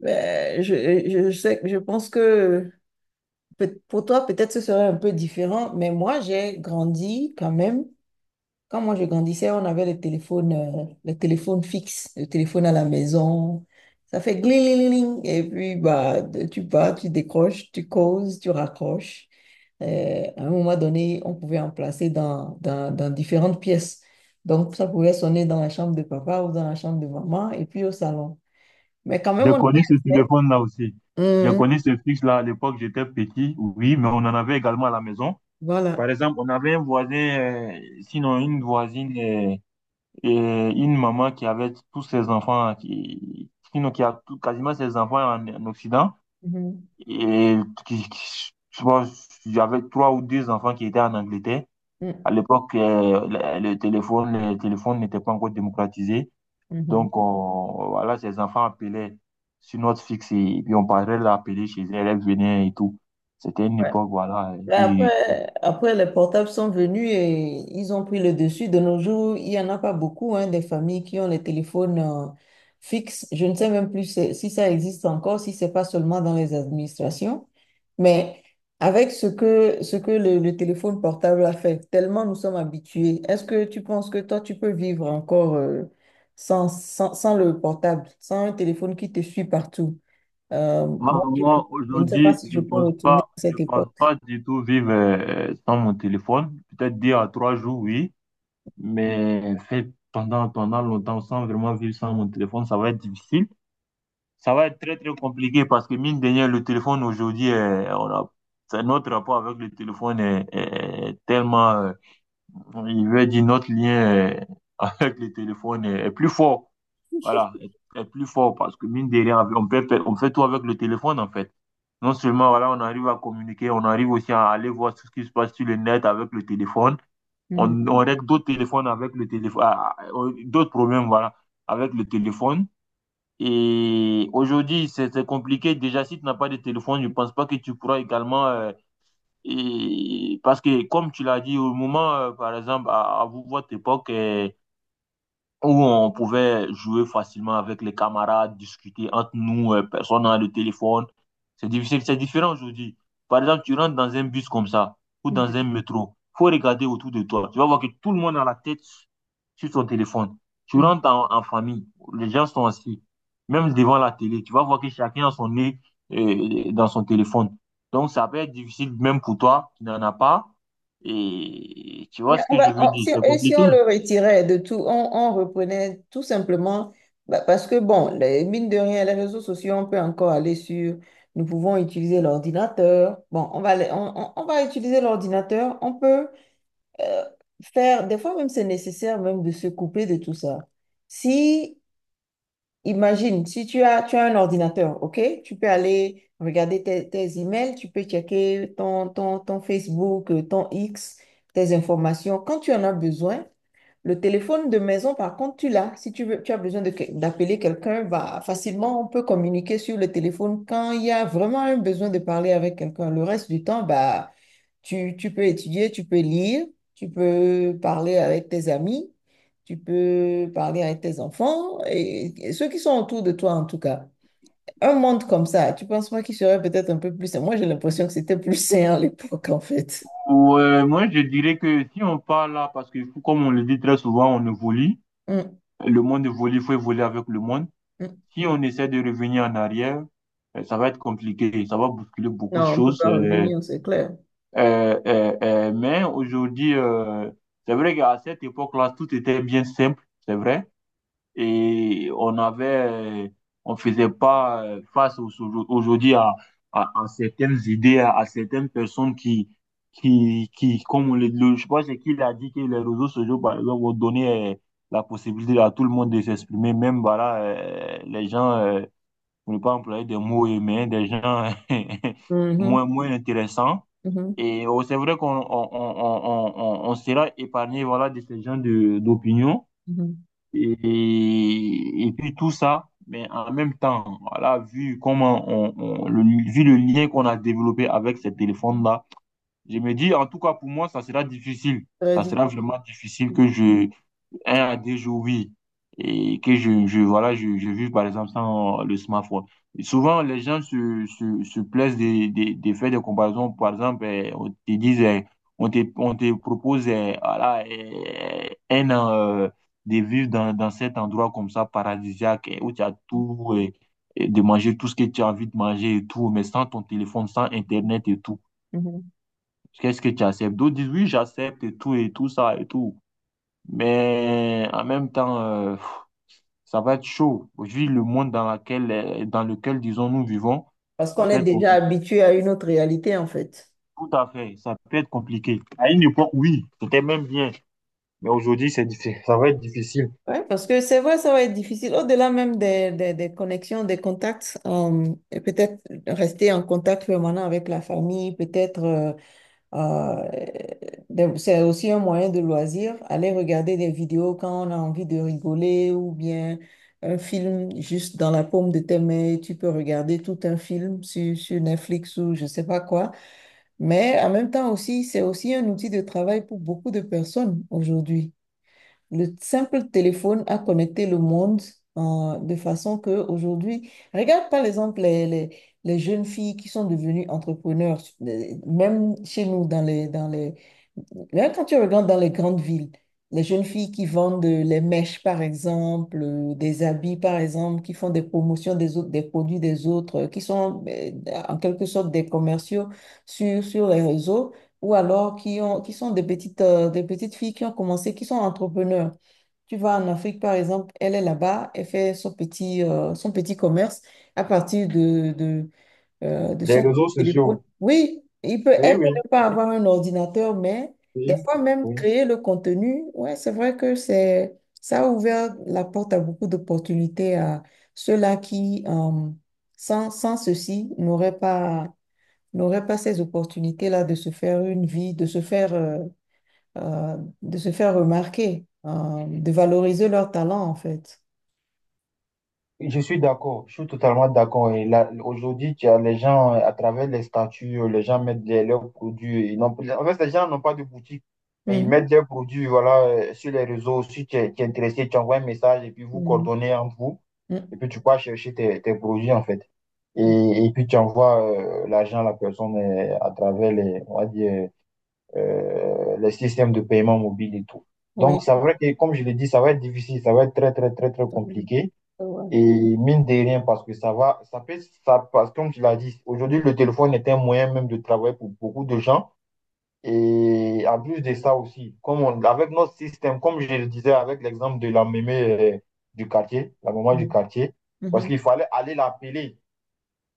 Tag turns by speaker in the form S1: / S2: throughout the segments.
S1: Je sais, je pense que pour toi, peut-être ce serait un peu différent, mais moi, j'ai grandi quand même. Quand moi, je grandissais, on avait le téléphone fixe, le téléphone à la maison. Ça fait gling, et puis bah, tu vas, tu décroches, tu causes, tu raccroches. À un moment donné, on pouvait en placer dans différentes pièces. Donc, ça pouvait sonner dans la chambre de papa ou dans la chambre de maman et puis au salon. Mais quand même, on
S2: J'ai
S1: avait
S2: connu ce
S1: accès.
S2: téléphone-là aussi. J'ai connu ce fixe-là à l'époque, j'étais petit, oui, mais on en avait également à la maison.
S1: Voilà.
S2: Par exemple, on avait un voisin, sinon une voisine et une maman qui avait tous ses enfants, sinon quasiment ses enfants en Occident.
S1: Mhm.
S2: Et je pense, j'avais trois ou deux enfants qui étaient en Angleterre. À l'époque, le téléphone n'était pas encore démocratisé.
S1: Mm, mhm.
S2: Donc, on, voilà, ses enfants appelaient sur notre fixe et, puis on parlait de l'appeler chez elle, elle venait et tout. C'était une
S1: Ouais.
S2: époque, voilà.
S1: Là,
S2: Oui,
S1: après, les portables sont venus et ils ont pris le dessus. De nos jours, il n'y en a pas beaucoup, hein, des familles qui ont les téléphones fixes. Je ne sais même plus si ça existe encore, si c'est pas seulement dans les administrations. Mais avec ce que le téléphone portable a fait, tellement nous sommes habitués, est-ce que tu penses que toi, tu peux vivre encore sans le portable, sans un téléphone qui te suit partout? Euh,
S2: moi,
S1: moi, je,
S2: moi,
S1: je ne sais pas
S2: aujourd'hui,
S1: si je peux retourner à
S2: je
S1: cette
S2: pense
S1: époque.
S2: pas du tout vivre sans mon téléphone. Peut-être deux à trois jours, oui, mais fait pendant longtemps sans vraiment vivre sans mon téléphone, ça va être difficile. Ça va être très, très compliqué parce que, mine de rien, le téléphone aujourd'hui, c'est notre rapport avec le téléphone est tellement Il veut dire notre lien avec le téléphone est plus fort. Voilà, est, est plus fort parce que mine de rien, on fait tout avec le téléphone en fait. Non seulement voilà, on arrive à communiquer, on arrive aussi à aller voir tout ce qui se passe sur le net avec le téléphone.
S1: Mhm,
S2: On règle d'autres téléphones avec le téléphone, d'autres problèmes voilà, avec le téléphone. Et aujourd'hui, c'est compliqué. Déjà, si tu n'as pas de téléphone, je ne pense pas que tu pourras également et parce que, comme tu l'as dit, au moment, par exemple, à votre époque, où on pouvait jouer facilement avec les camarades, discuter entre nous, personne n'a le téléphone. C'est difficile, c'est différent aujourd'hui. Par exemple, tu rentres dans un bus comme ça ou dans un métro, faut regarder autour de toi. Tu vas voir que tout le monde a la tête sur son téléphone. Tu
S1: mhm.
S2: rentres en famille, les gens sont assis, même devant la télé. Tu vas voir que chacun a son nez dans son téléphone. Donc, ça peut être difficile même pour toi qui n'en as pas. Et tu vois ce que je veux dire,
S1: Si,
S2: c'est
S1: et si
S2: compliqué.
S1: on le retirait de tout, on reprenait tout simplement, bah, parce que bon, les, mine de rien, les réseaux sociaux, on peut encore aller sur, nous pouvons utiliser l'ordinateur. Bon, on va utiliser l'ordinateur, on peut euh, faire, des fois même c'est nécessaire même de se couper de tout ça. Si Imagine, si tu as un ordinateur, OK? Tu peux aller regarder tes emails, tu peux checker ton Facebook, ton X, tes informations. Quand tu en as besoin, le téléphone de maison, par contre, tu l'as. Si tu veux, tu as besoin de d'appeler quelqu'un, bah, facilement, on peut communiquer sur le téléphone quand il y a vraiment un besoin de parler avec quelqu'un. Le reste du temps, bah, tu peux étudier, tu peux lire, tu peux parler avec tes amis, tu peux parler avec tes enfants et ceux qui sont autour de toi, en tout cas. Un monde comme ça, tu penses pas qu'il serait peut-être un peu plus sain? Moi, j'ai l'impression que c'était plus sain à l'époque, en fait.
S2: Ouais, moi, je dirais que si on parle là, parce que comme on le dit très souvent, on évolue.
S1: Mm,
S2: Le monde évolue, il faut évoluer avec le monde.
S1: mm.
S2: Si on essaie de revenir en arrière, ça va être compliqué. Ça va bousculer beaucoup de
S1: Non, on peut
S2: choses.
S1: pas revenir, c'est clair.
S2: Mais aujourd'hui, c'est vrai qu'à cette époque-là, tout était bien simple. C'est vrai et on avait, on faisait pas aujourd'hui à, à certaines idées, à certaines personnes comme on je pense qu'il a dit que les réseaux sociaux, par exemple, ont donné la possibilité à tout le monde de s'exprimer, même voilà, les gens, pour ne pas employer des mots humains, des gens
S1: Mhm,
S2: moins, moins intéressants.
S1: mhm.
S2: Et oh, c'est vrai qu'on on sera épargné voilà, de ces gens d'opinion.
S1: Mhm.
S2: Et puis tout ça, mais en même temps, voilà, vu comment on- le, vu le lien qu'on a développé avec ces téléphones-là, je me dis, en tout cas pour moi, ça sera difficile. Ça
S1: Très
S2: sera
S1: utile.
S2: vraiment difficile que je, un à deux jours, oui, et que je voilà, je vis par exemple sans le smartphone. Et souvent, les gens se plaisent de faire des comparaisons. Par exemple, eh, on te dit, eh, on te propose eh, voilà, eh, un an de vivre dans cet endroit comme ça, paradisiaque, eh, où tu as tout, eh, et de manger tout ce que tu as envie de manger et tout, mais sans ton téléphone, sans Internet et tout.
S1: Mhm.
S2: Qu'est-ce que tu acceptes? D'autres disent, oui, j'accepte et tout ça et tout. Mais en même temps, ça va être chaud. Vu le monde dans laquelle, dans lequel, disons, nous vivons,
S1: Parce
S2: ça
S1: qu'on
S2: peut
S1: est
S2: être
S1: déjà
S2: compliqué.
S1: habitué à une autre réalité, en fait.
S2: Tout à fait, ça peut être compliqué. À une époque, oui, c'était même bien. Mais aujourd'hui, ça va être difficile.
S1: Ouais, parce que c'est vrai, ça va être difficile. Au-delà même des connexions, des contacts, et peut-être rester en contact permanent avec la famille, peut-être euh, c'est aussi un moyen de loisir, aller regarder des vidéos quand on a envie de rigoler ou bien un film juste dans la paume de tes mains, tu peux regarder tout un film sur Netflix ou je sais pas quoi. Mais en même temps aussi, c'est aussi un outil de travail pour beaucoup de personnes aujourd'hui. Le simple téléphone a connecté le monde de façon que aujourd'hui, regarde par exemple les jeunes filles qui sont devenues entrepreneurs, même chez nous dans les Là, quand tu regardes dans les grandes villes, les jeunes filles qui vendent les mèches, par exemple, des habits, par exemple, qui font des promotions des autres, des produits des autres, qui sont en quelque sorte des commerciaux sur les réseaux, ou alors qui sont des petites filles qui ont commencé, qui sont entrepreneurs. Tu vas en Afrique, par exemple, elle est là-bas, elle fait son petit commerce à partir de
S2: Des
S1: son
S2: réseaux
S1: téléphone.
S2: sociaux.
S1: Oui,
S2: Oui,
S1: elle peut
S2: oui,
S1: ne pas avoir un ordinateur, mais
S2: oui,
S1: des fois même
S2: oui.
S1: créer le contenu, ouais, c'est vrai que ça a ouvert la porte à beaucoup d'opportunités à ceux-là qui, sans, sans ceci, n'auraient pas ces opportunités-là de se faire une vie, euh, de se faire remarquer, de valoriser leur talent, en fait.
S2: Je suis d'accord, je suis totalement d'accord. Et là, aujourd'hui, tu as les gens à travers les statuts, les gens mettent leurs produits. En fait, les gens n'ont pas de boutique, mais ils mettent
S1: Mhm.
S2: leurs produits, voilà, sur les réseaux. Si tu es, tu es intéressé, tu envoies un message et puis vous
S1: Mhm.
S2: coordonnez entre vous. Et
S1: Mhm.
S2: puis tu peux chercher tes, tes produits, en fait. Et puis tu envoies l'argent à la personne à travers les, on va dire, les systèmes de paiement mobile et tout. Donc,
S1: Oui.
S2: c'est vrai que, comme je l'ai dit, ça va être difficile, ça va être très, très, très, très compliqué.
S1: Ouais.
S2: Et mine de rien, parce que ça va, ça peut, ça, parce que comme tu l'as dit, aujourd'hui, le téléphone est un moyen même de travailler pour beaucoup de gens. Et en plus de ça aussi, avec notre système, comme je le disais avec l'exemple de la mémé euh, du quartier, la maman du quartier, parce
S1: Mhm.
S2: qu'il fallait aller l'appeler.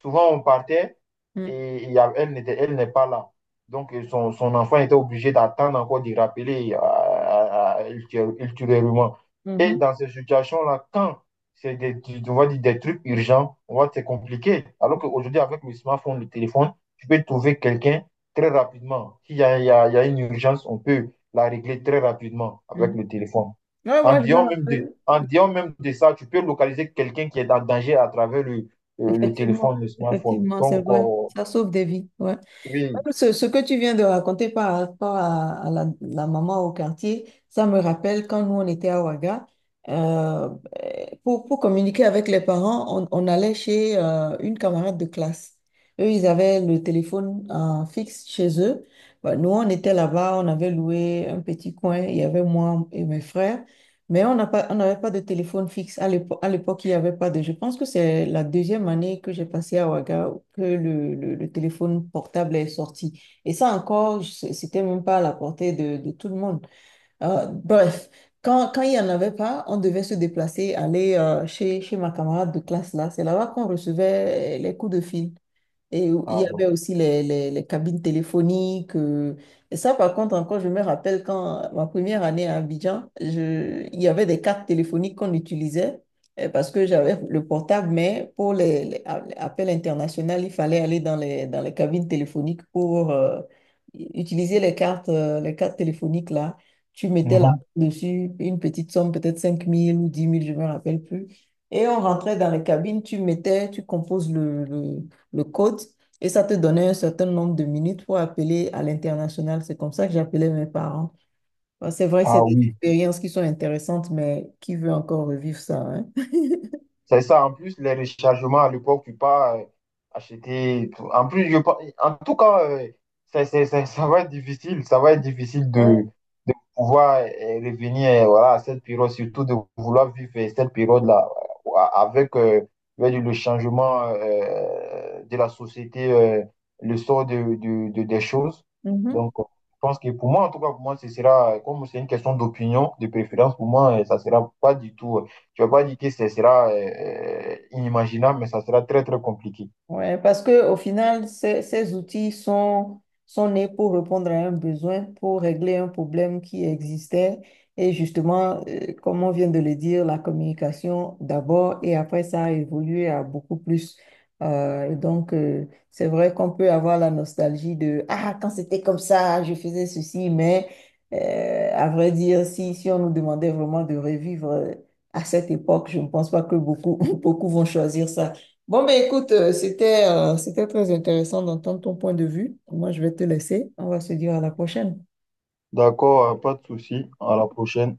S2: Souvent, on partait
S1: Mhm.
S2: elle n'est pas là. Donc, son enfant était obligé d'attendre encore de rappeler ultérieurement. Et
S1: Mhm,
S2: dans ces situations-là, quand c'est des, tu- on va dire des trucs urgents, on va dire c'est compliqué. Alors qu'aujourd'hui, avec le smartphone, le téléphone, tu peux trouver quelqu'un très rapidement. S'il y a, il y a- il y a une urgence, on peut la régler très rapidement avec
S1: mhm.
S2: le téléphone.
S1: Ouais,
S2: En
S1: moi, je me
S2: disant même de,
S1: rappelle.
S2: en disant même de ça, tu peux localiser quelqu'un qui est en danger à travers le téléphone,
S1: Effectivement,
S2: le smartphone.
S1: effectivement, c'est
S2: Donc,
S1: vrai. Ça sauve des vies. Ouais.
S2: oui,
S1: Même ce que tu viens de raconter par rapport à, la maman au quartier, ça me rappelle quand nous, on était à Ouaga. euh, pour communiquer avec les parents, on allait chez une camarade de classe. Eux, ils avaient le téléphone fixe chez eux. Bah, nous, on était là-bas, on avait loué un petit coin. Il y avait moi et mes frères. Mais on n'avait pas de téléphone fixe. À l'époque, il n'y avait pas de. Je pense que c'est la deuxième année que j'ai passé à Ouaga que le téléphone portable est sorti. Et ça encore, c'était même pas à la portée de tout le monde. Euh, bref, Quand, quand il n'y en avait pas, on devait se déplacer, aller chez ma camarade de classe là. C'est là-bas qu'on recevait les coups de fil. Et il
S2: ah,
S1: y avait
S2: bon.
S1: aussi les cabines téléphoniques. Et ça, par contre, encore, je me rappelle quand ma première année à Abidjan, il y avait des cartes téléphoniques qu'on utilisait parce que j'avais le portable, mais pour les appels internationaux, il fallait aller dans les cabines téléphoniques pour utiliser les cartes téléphoniques là. Tu mettais là
S2: Mhm.
S1: dessus une petite somme, peut-être 5000 ou 10 000 je ne me rappelle plus. Et on rentrait dans les cabines, tu mettais, tu composes le code, et ça te donnait un certain nombre de minutes pour appeler à l'international. C'est comme ça que j'appelais mes parents. Bah, c'est vrai que c'est
S2: Ah
S1: des
S2: oui.
S1: expériences qui sont intéressantes, mais qui veut encore revivre ça, hein?
S2: C'est ça, en plus, les rechargements à l'époque, tu peux pas acheter. En plus, en tout cas, ça va être difficile. Ça va être difficile
S1: Ouais.
S2: de pouvoir revenir voilà, à cette période, surtout de vouloir vivre cette période-là avec avec le changement de la société, le sort des choses.
S1: Mhm.
S2: Donc, je pense que pour moi, en tout cas, pour moi, ce sera, comme c'est une question d'opinion, de préférence, pour moi, ça sera pas du tout. Je ne vais pas dire que ce sera inimaginable, mais ça sera très, très compliqué.
S1: Ouais, parce que au final, ces outils sont nés pour répondre à un besoin, pour régler un problème qui existait. Et justement, comme on vient de le dire, la communication d'abord et après ça a évolué à beaucoup plus. Euh, et donc, euh, c'est vrai qu'on peut avoir la nostalgie de Ah, quand c'était comme ça, je faisais ceci, mais à vrai dire, si on nous demandait vraiment de revivre à cette époque, je ne pense pas que beaucoup, beaucoup vont choisir ça. Bon, ben écoute, c'était très intéressant d'entendre ton point de vue. Moi, je vais te laisser. On va se dire à la prochaine.
S2: D'accord, pas de souci. À la prochaine.